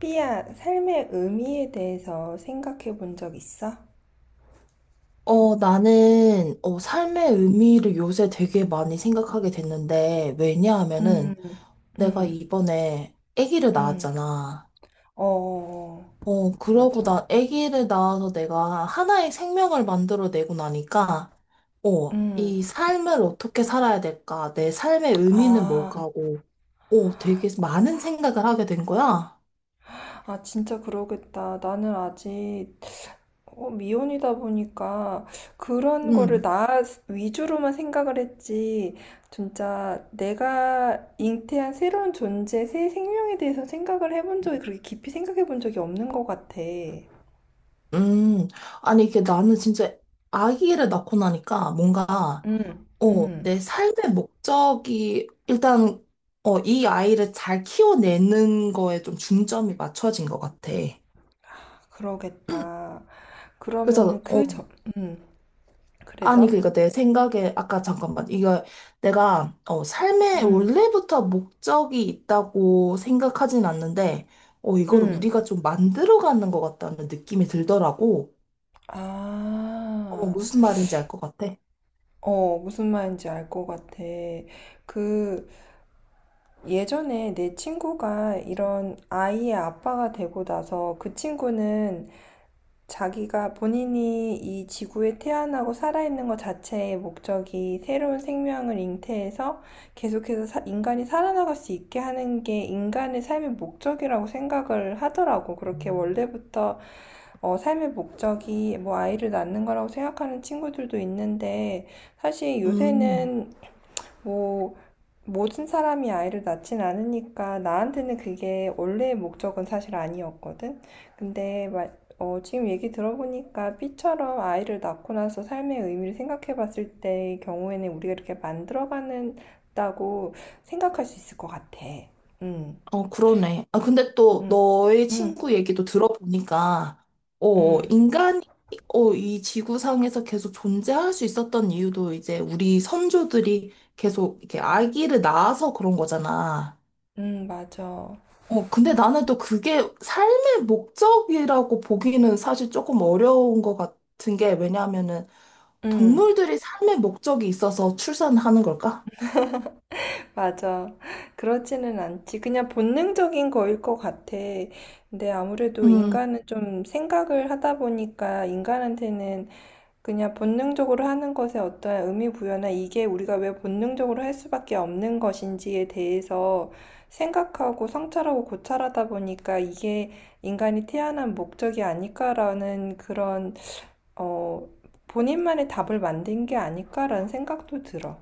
삐야, 삶의 의미에 대해서 생각해 본 적 있어? 나는, 삶의 의미를 요새 되게 많이 생각하게 됐는데, 음, 왜냐하면은, 내가 음, 이번에 아기를 음. 낳았잖아. 어, 그러고 맞아. 나 아기를 낳아서 내가 하나의 생명을 만들어내고 나니까, 음. 이 삶을 어떻게 살아야 될까, 내 삶의 의미는 아, 뭘까 하고, 되게 그러고. 많은 생각을 하게 된 거야. 아, 진짜 그러겠다. 나는 아직 미혼이다 보니까 그런 거를 음, 나 위주로만 생각을 했지. 진짜 내가 잉태한 새로운 존재, 새 생명에 대해서 생각을 해본 적이 그렇게 깊이 생각해 본 적이 없는 것 같아. 음. 아니, 이게 나는 진짜 아기를 낳고 나니까 뭔가, 음, 음. 내 삶의 목적이 일단 이 아이를 잘 키워내는 거에 좀 중점이 맞춰진 것 같아. 음, 그러겠다. 그래서 그러면은 그 점, 음, 아니 그래서? 그러니까 내 생각에 아까 잠깐만 이거 내가 삶에 음, 원래부터 목적이 있다고 생각하진 않는데 이걸 음, 우리가 좀 만들어가는 것 같다는 느낌이 들더라고. 아, 무슨 말인지 알 것 같아. 무슨 말인지 알 것 같아. 그, 예전에 내 친구가 이런 아이의 아빠가 되고 나서 그 친구는 자기가 본인이 이 지구에 태어나고 살아있는 것 자체의 목적이 새로운 생명을 잉태해서 계속해서 인간이 살아나갈 수 있게 하는 게 인간의 삶의 목적이라고 생각을 하더라고. 그렇게 원래부터 삶의 목적이 뭐 아이를 낳는 거라고 생각하는 친구들도 있는데 사실 음. 요새는 뭐 모든 사람이 아이를 낳진 않으니까 나한테는 그게 원래의 목적은 사실 아니었거든. 근데 지금 얘기 들어보니까 B처럼 아이를 낳고 나서 삶의 의미를 생각해 봤을 때의 경우에는 우리가 이렇게 만들어가는다고 생각할 수 있을 것 같아. 응, 그러네. 아, 근데 또 응, 너의 응, 친구 얘기도 들어보니까, 응, 인간이, 이 지구상에서 계속 존재할 수 있었던 이유도 이제 우리 선조들이 계속 이렇게 아기를 낳아서 그런 거잖아. 응, 맞아. 근데 나는 또 그게 삶의 목적이라고 보기는 사실 조금 어려운 것 같은 게 왜냐하면은 응. 동물들이 삶의 목적이 있어서 출산하는 걸까? 맞아. 그렇지는 않지. 그냥 본능적인 거일 것 같아. 근데 아무래도 음. 인간은 좀 생각을 하다 보니까 인간한테는 그냥 본능적으로 하는 것에 어떠한 의미 부여나 이게 우리가 왜 본능적으로 할 수밖에 없는 것인지에 대해서 생각하고 성찰하고 고찰하다 보니까 이게 인간이 태어난 목적이 아닐까라는 그런, 어, 본인만의 답을 만든 게 아닐까라는 생각도 들어.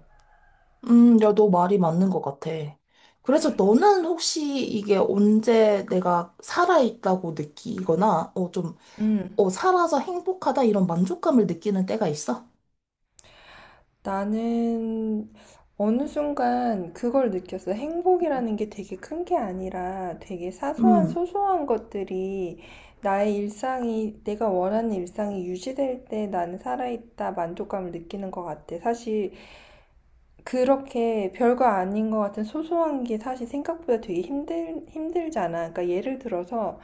야, 너 말이 맞는 것 같아. 그래서 너는 혹시 이게 언제 내가 살아있다고 느끼거나, 좀, 음. 살아서 행복하다 이런 만족감을 느끼는 때가 있어? 나는 어느 순간 그걸 느꼈어. 행복이라는 게 되게 큰게 아니라 되게 사소한 음, 소소한 것들이 나의 일상이 내가 원하는 일상이 유지될 때 나는 살아있다 만족감을 느끼는 것 같아. 사실 그렇게 별거 아닌 것 같은 소소한 게 사실 생각보다 되게 힘들잖아. 그러니까 예를 들어서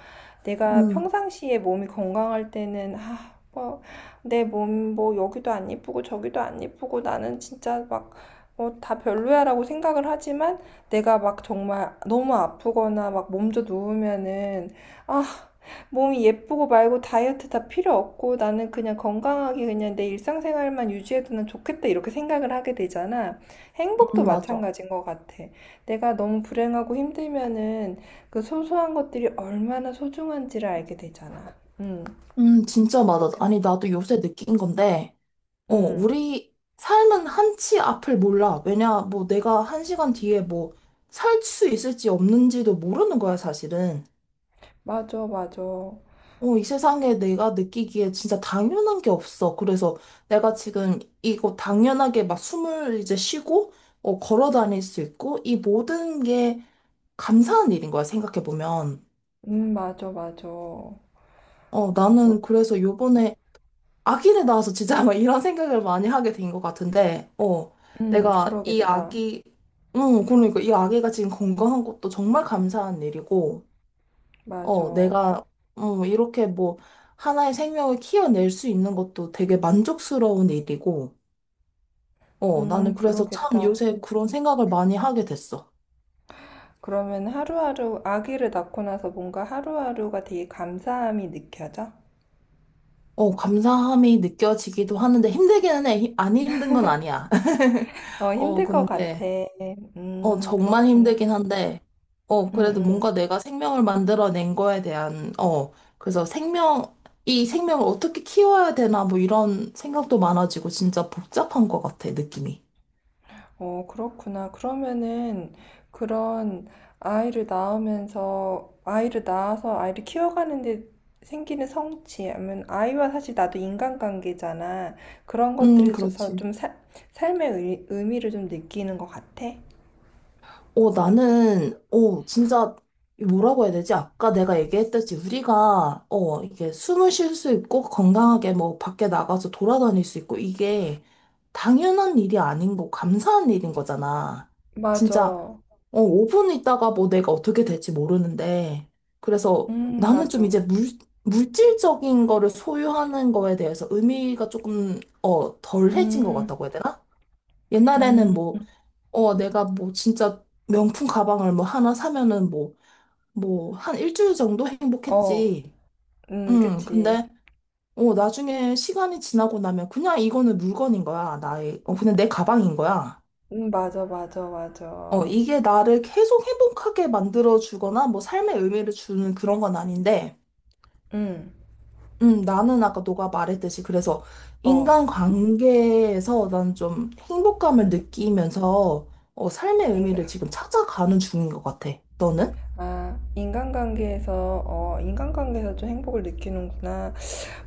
내가 음, 평상시에 몸이 건강할 때는, 아, 뭐, 내 몸 뭐 여기도 안 예쁘고 저기도 안 예쁘고 나는 진짜 막, 다 별로야라고 생각을 하지만 내가 막 정말 너무 아프거나 막 몸져 누우면은, 아, 몸이 예쁘고 말고 다이어트 다 필요 없고 나는 그냥 건강하게 그냥 내 일상생활만 유지해두면 좋겠다 이렇게 생각을 하게 되잖아. 행복도 맞아. 마찬가지인 것 같아. 내가 너무 불행하고 힘들면은 그 소소한 것들이 얼마나 소중한지를 알게 되잖아. 진짜 맞아. 그렇게 돼. 아니, 나도 요새 느낀 건데, 음, 우리 삶은 한치 앞을 몰라. 왜냐, 뭐 내가 한 시간 뒤에 뭐 살 수 있을지 없는지도 모르는 거야, 사실은. 맞아, 맞아. 이 세상에 내가 느끼기에 진짜 당연한 게 없어. 그래서 내가 지금 이거 당연하게 막 숨을 이제 쉬고, 걸어 다닐 수 있고, 이 모든 게 감사한 일인 거야, 생각해보면. 맞아, 맞아. 나는 그래서 요번에 아기를 낳아서 진짜 막 이런 생각을 많이 하게 된 것 같은데, 내가 이 그러겠다. 아기, 응, 그러니까 이 아기가 지금 건강한 것도 정말 감사한 일이고, 맞아. 내가, 이렇게 뭐, 하나의 생명을 키워낼 수 있는 것도 되게 만족스러운 일이고, 나는 그래서 참 그러겠다. 요새 그런 생각을 많이 하게 됐어. 그러면 하루하루 아기를 낳고 나서 뭔가 하루하루가 되게 감사함이 느껴져? 감사함이 느껴지기도 하는데 힘들기는 해. 안 힘든 건 아니야. 어, 어, 힘들 것 같아. 근데, 정말 그렇구나. 힘들긴 한데, 음, 그래도 음. 뭔가 내가 생명을 만들어낸 거에 대한, 그래서 생명, 이 생명을 어떻게 키워야 되나, 뭐 이런 생각도 많아지고, 진짜 복잡한 것 같아, 느낌이. 어, 그렇구나. 그러면은 그런 아이를 낳으면서 아이를 낳아서 아이를 키워가는데 생기는 성취, 아니면 아이와 사실 나도 인간관계잖아. 그런 것들에 있어서 그렇지. 좀 삶의 의미를 좀 느끼는 것 같아. 나는, 진짜, 뭐라고 해야 되지? 아까 내가 얘기했듯이 우리가, 이게 숨을 쉴 수 있고, 건강하게 뭐, 밖에 나가서 돌아다닐 수 있고, 이게 당연한 일이 아닌 거, 감사한 일인 거잖아. 진짜, 맞아. 5분 있다가 뭐 내가 어떻게 될지 모르는데, 그래서 나는 좀 맞아. 이제 물질적인 거를 소유하는 거에 대해서 의미가 조금, 덜해진 것 음, 같다고 해야 되나? 옛날에는 음, 뭐, 내가 뭐 진짜 명품 가방을 뭐 하나 사면은 뭐, 뭐, 한 일주일 정도 어, 행복했지. 그치. 근데, 나중에 시간이 지나고 나면 그냥 이거는 물건인 거야. 나의, 그냥 내 가방인 거야. 맞아, 맞아, 맞아. 이게 나를 계속 행복하게 만들어 주거나 뭐 삶의 의미를 주는 그런 건 아닌데, 음, 나는 아까 너가 말했듯이 그래서 어. 인간 관계에서 난 좀 행복감을 느끼면서 삶의 의미를 인간, 지금 찾아가는 중인 것 같아. 너는? 인간관계에서 좀 행복을 느끼는구나.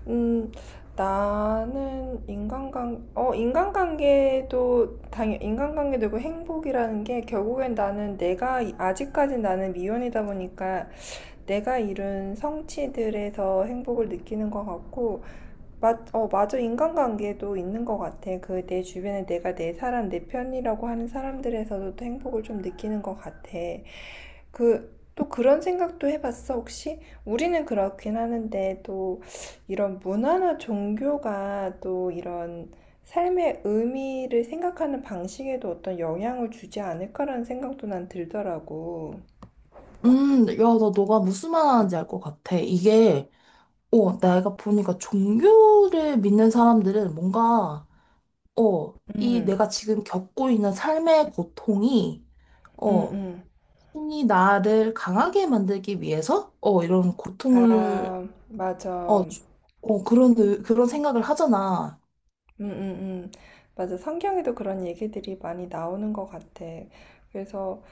음, 나는 인간관계도 있고 행복이라는 게 결국엔 나는 내가, 아직까지 나는 미혼이다 보니까 내가 이룬 성취들에서 행복을 느끼는 것 같고, 맞아. 인간관계도 있는 것 같아. 그 내 주변에 내가 내 사람, 내 편이라고 하는 사람들에서도 또 행복을 좀 느끼는 것 같아. 또 그런 생각도 해봤어, 혹시? 우리는 그렇긴 하는데, 또 이런 문화나 종교가 또 이런 삶의 의미를 생각하는 방식에도 어떤 영향을 주지 않을까라는 생각도 난 들더라고. 야, 나 너가 무슨 말 하는지 알 것 같아. 이게, 내가 보니까 종교를 믿는 사람들은 뭔가, 이 음, 내가 지금 겪고 있는 삶의 고통이, 음, 어, 음. 신이 나를 강하게 만들기 위해서, 이런 고통을, 아, 맞아. 어, 주- 그런, 그런 생각을 하잖아. 음, 음. 맞아. 성경에도 그런 얘기들이 많이 나오는 것 같아. 그래서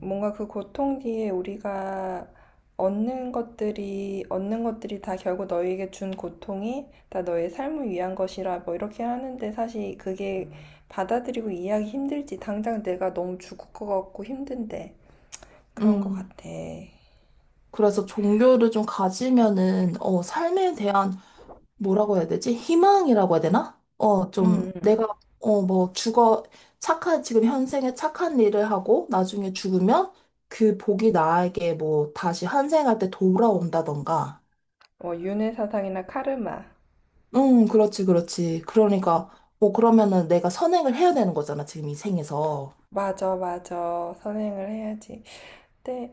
뭔가 그 고통 뒤에 우리가 얻는 것들이, 얻는 것들이 다 결국 너에게 준 고통이 다 너의 삶을 위한 것이라 뭐 이렇게 하는데 사실 그게 받아들이고 이해하기 힘들지. 당장 내가 너무 죽을 것 같고 힘든데. 그런 것 음. 같아. 그래서 종교를 좀 가지면은, 삶에 대한 뭐라고 해야 되지? 희망이라고 해야 되나? 음. 좀 내가 어, 뭐 죽어 착한 지금 현생에 착한 일을 하고 나중에 죽으면 그 복이 나에게 뭐 다시 환생할 때 돌아온다던가. 뭐, 윤회 사상이나 카르마. 응, 그렇지, 그렇지. 그러니까 뭐 그러면은 내가 선행을 해야 되는 거잖아, 지금 이 생에서. 맞아, 맞아. 선행을 해야지. 근데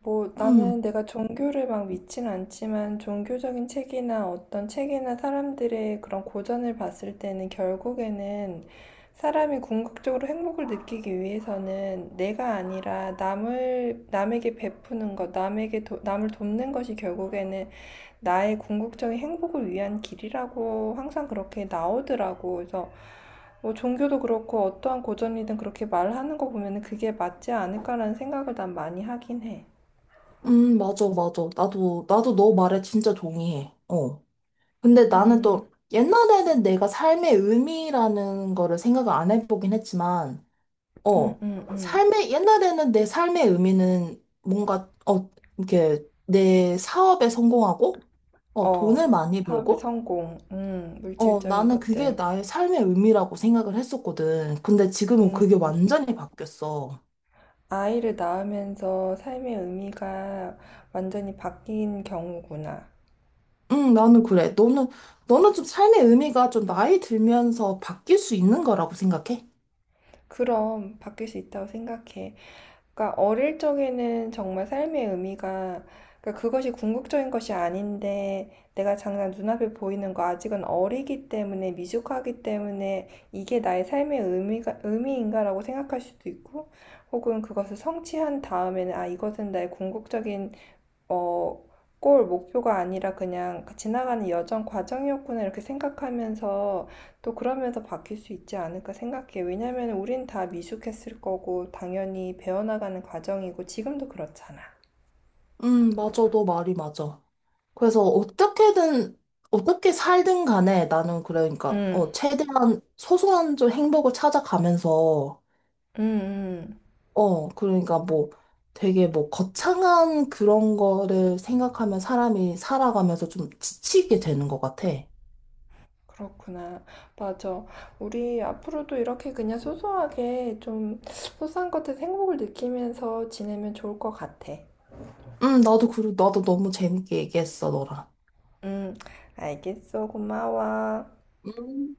뭐 나는 음, 내가 종교를 막 믿진 않지만 종교적인 책이나 어떤 책이나 사람들의 그런 고전을 봤을 때는 결국에는 사람이 궁극적으로 행복을 느끼기 위해서는 내가 아니라 남을 남에게 베푸는 것, 남에게 남을 돕는 것이 결국에는 나의 궁극적인 행복을 위한 길이라고 항상 그렇게 나오더라고. 그래서 뭐 종교도 그렇고 어떠한 고전이든 그렇게 말하는 거 보면은 그게 맞지 않을까라는 생각을 난 많이 하긴 해. 맞아, 맞아. 나도 너 말에 진짜 동의해. 어. 근데 나는 음, 또 옛날에는 내가 삶의 의미라는 거를 생각을 안 해보긴 했지만, 음, 어, 음, 음. 옛날에는 내 삶의 의미는 뭔가, 이렇게 내 사업에 성공하고, 어, 돈을 많이 사업의 벌고, 성공, 물질적인 나는 그게 것들. 나의 삶의 의미라고 생각을 했었거든. 근데 지금은 음, 그게 완전히 바뀌었어. 아이를 낳으면서 삶의 의미가 완전히 바뀐 경우구나. 응, 나는 그래. 너는 좀 삶의 의미가 좀 나이 들면서 바뀔 수 있는 거라고 생각해? 그럼 바뀔 수 있다고 생각해. 그러니까 어릴 적에는 정말 삶의 의미가 그러니까 그것이 궁극적인 것이 아닌데 내가 당장 눈앞에 보이는 거 아직은 어리기 때문에 미숙하기 때문에 이게 나의 삶의 의미가 의미인가라고 생각할 수도 있고 혹은 그것을 성취한 다음에는 아 이것은 나의 궁극적인 어, 골 목표가 아니라 그냥 그 지나가는 여정 과정이었구나 이렇게 생각하면서 또 그러면서 바뀔 수 있지 않을까 생각해. 왜냐면 우린 다 미숙했을 거고 당연히 배워나가는 과정이고 지금도 그렇잖아. 맞아. 너 말이 맞아. 그래서 어떻게든, 어떻게 살든 간에 나는 그러니까, 응, 최대한 소소한 좀 행복을 찾아가면서, 응, 응. 그러니까 뭐 되게 뭐 거창한 그런 거를 생각하면 사람이 살아가면서 좀 지치게 되는 것 같아. 그렇구나. 맞아. 우리 앞으로도 이렇게 그냥 소소하게 좀 소소한 것들 행복을 느끼면서 지내면 좋을 것 같아. 나도, 그리고 나도 너무 재밌게 얘기했어, 너랑. 응, 알겠어. 고마워. 음.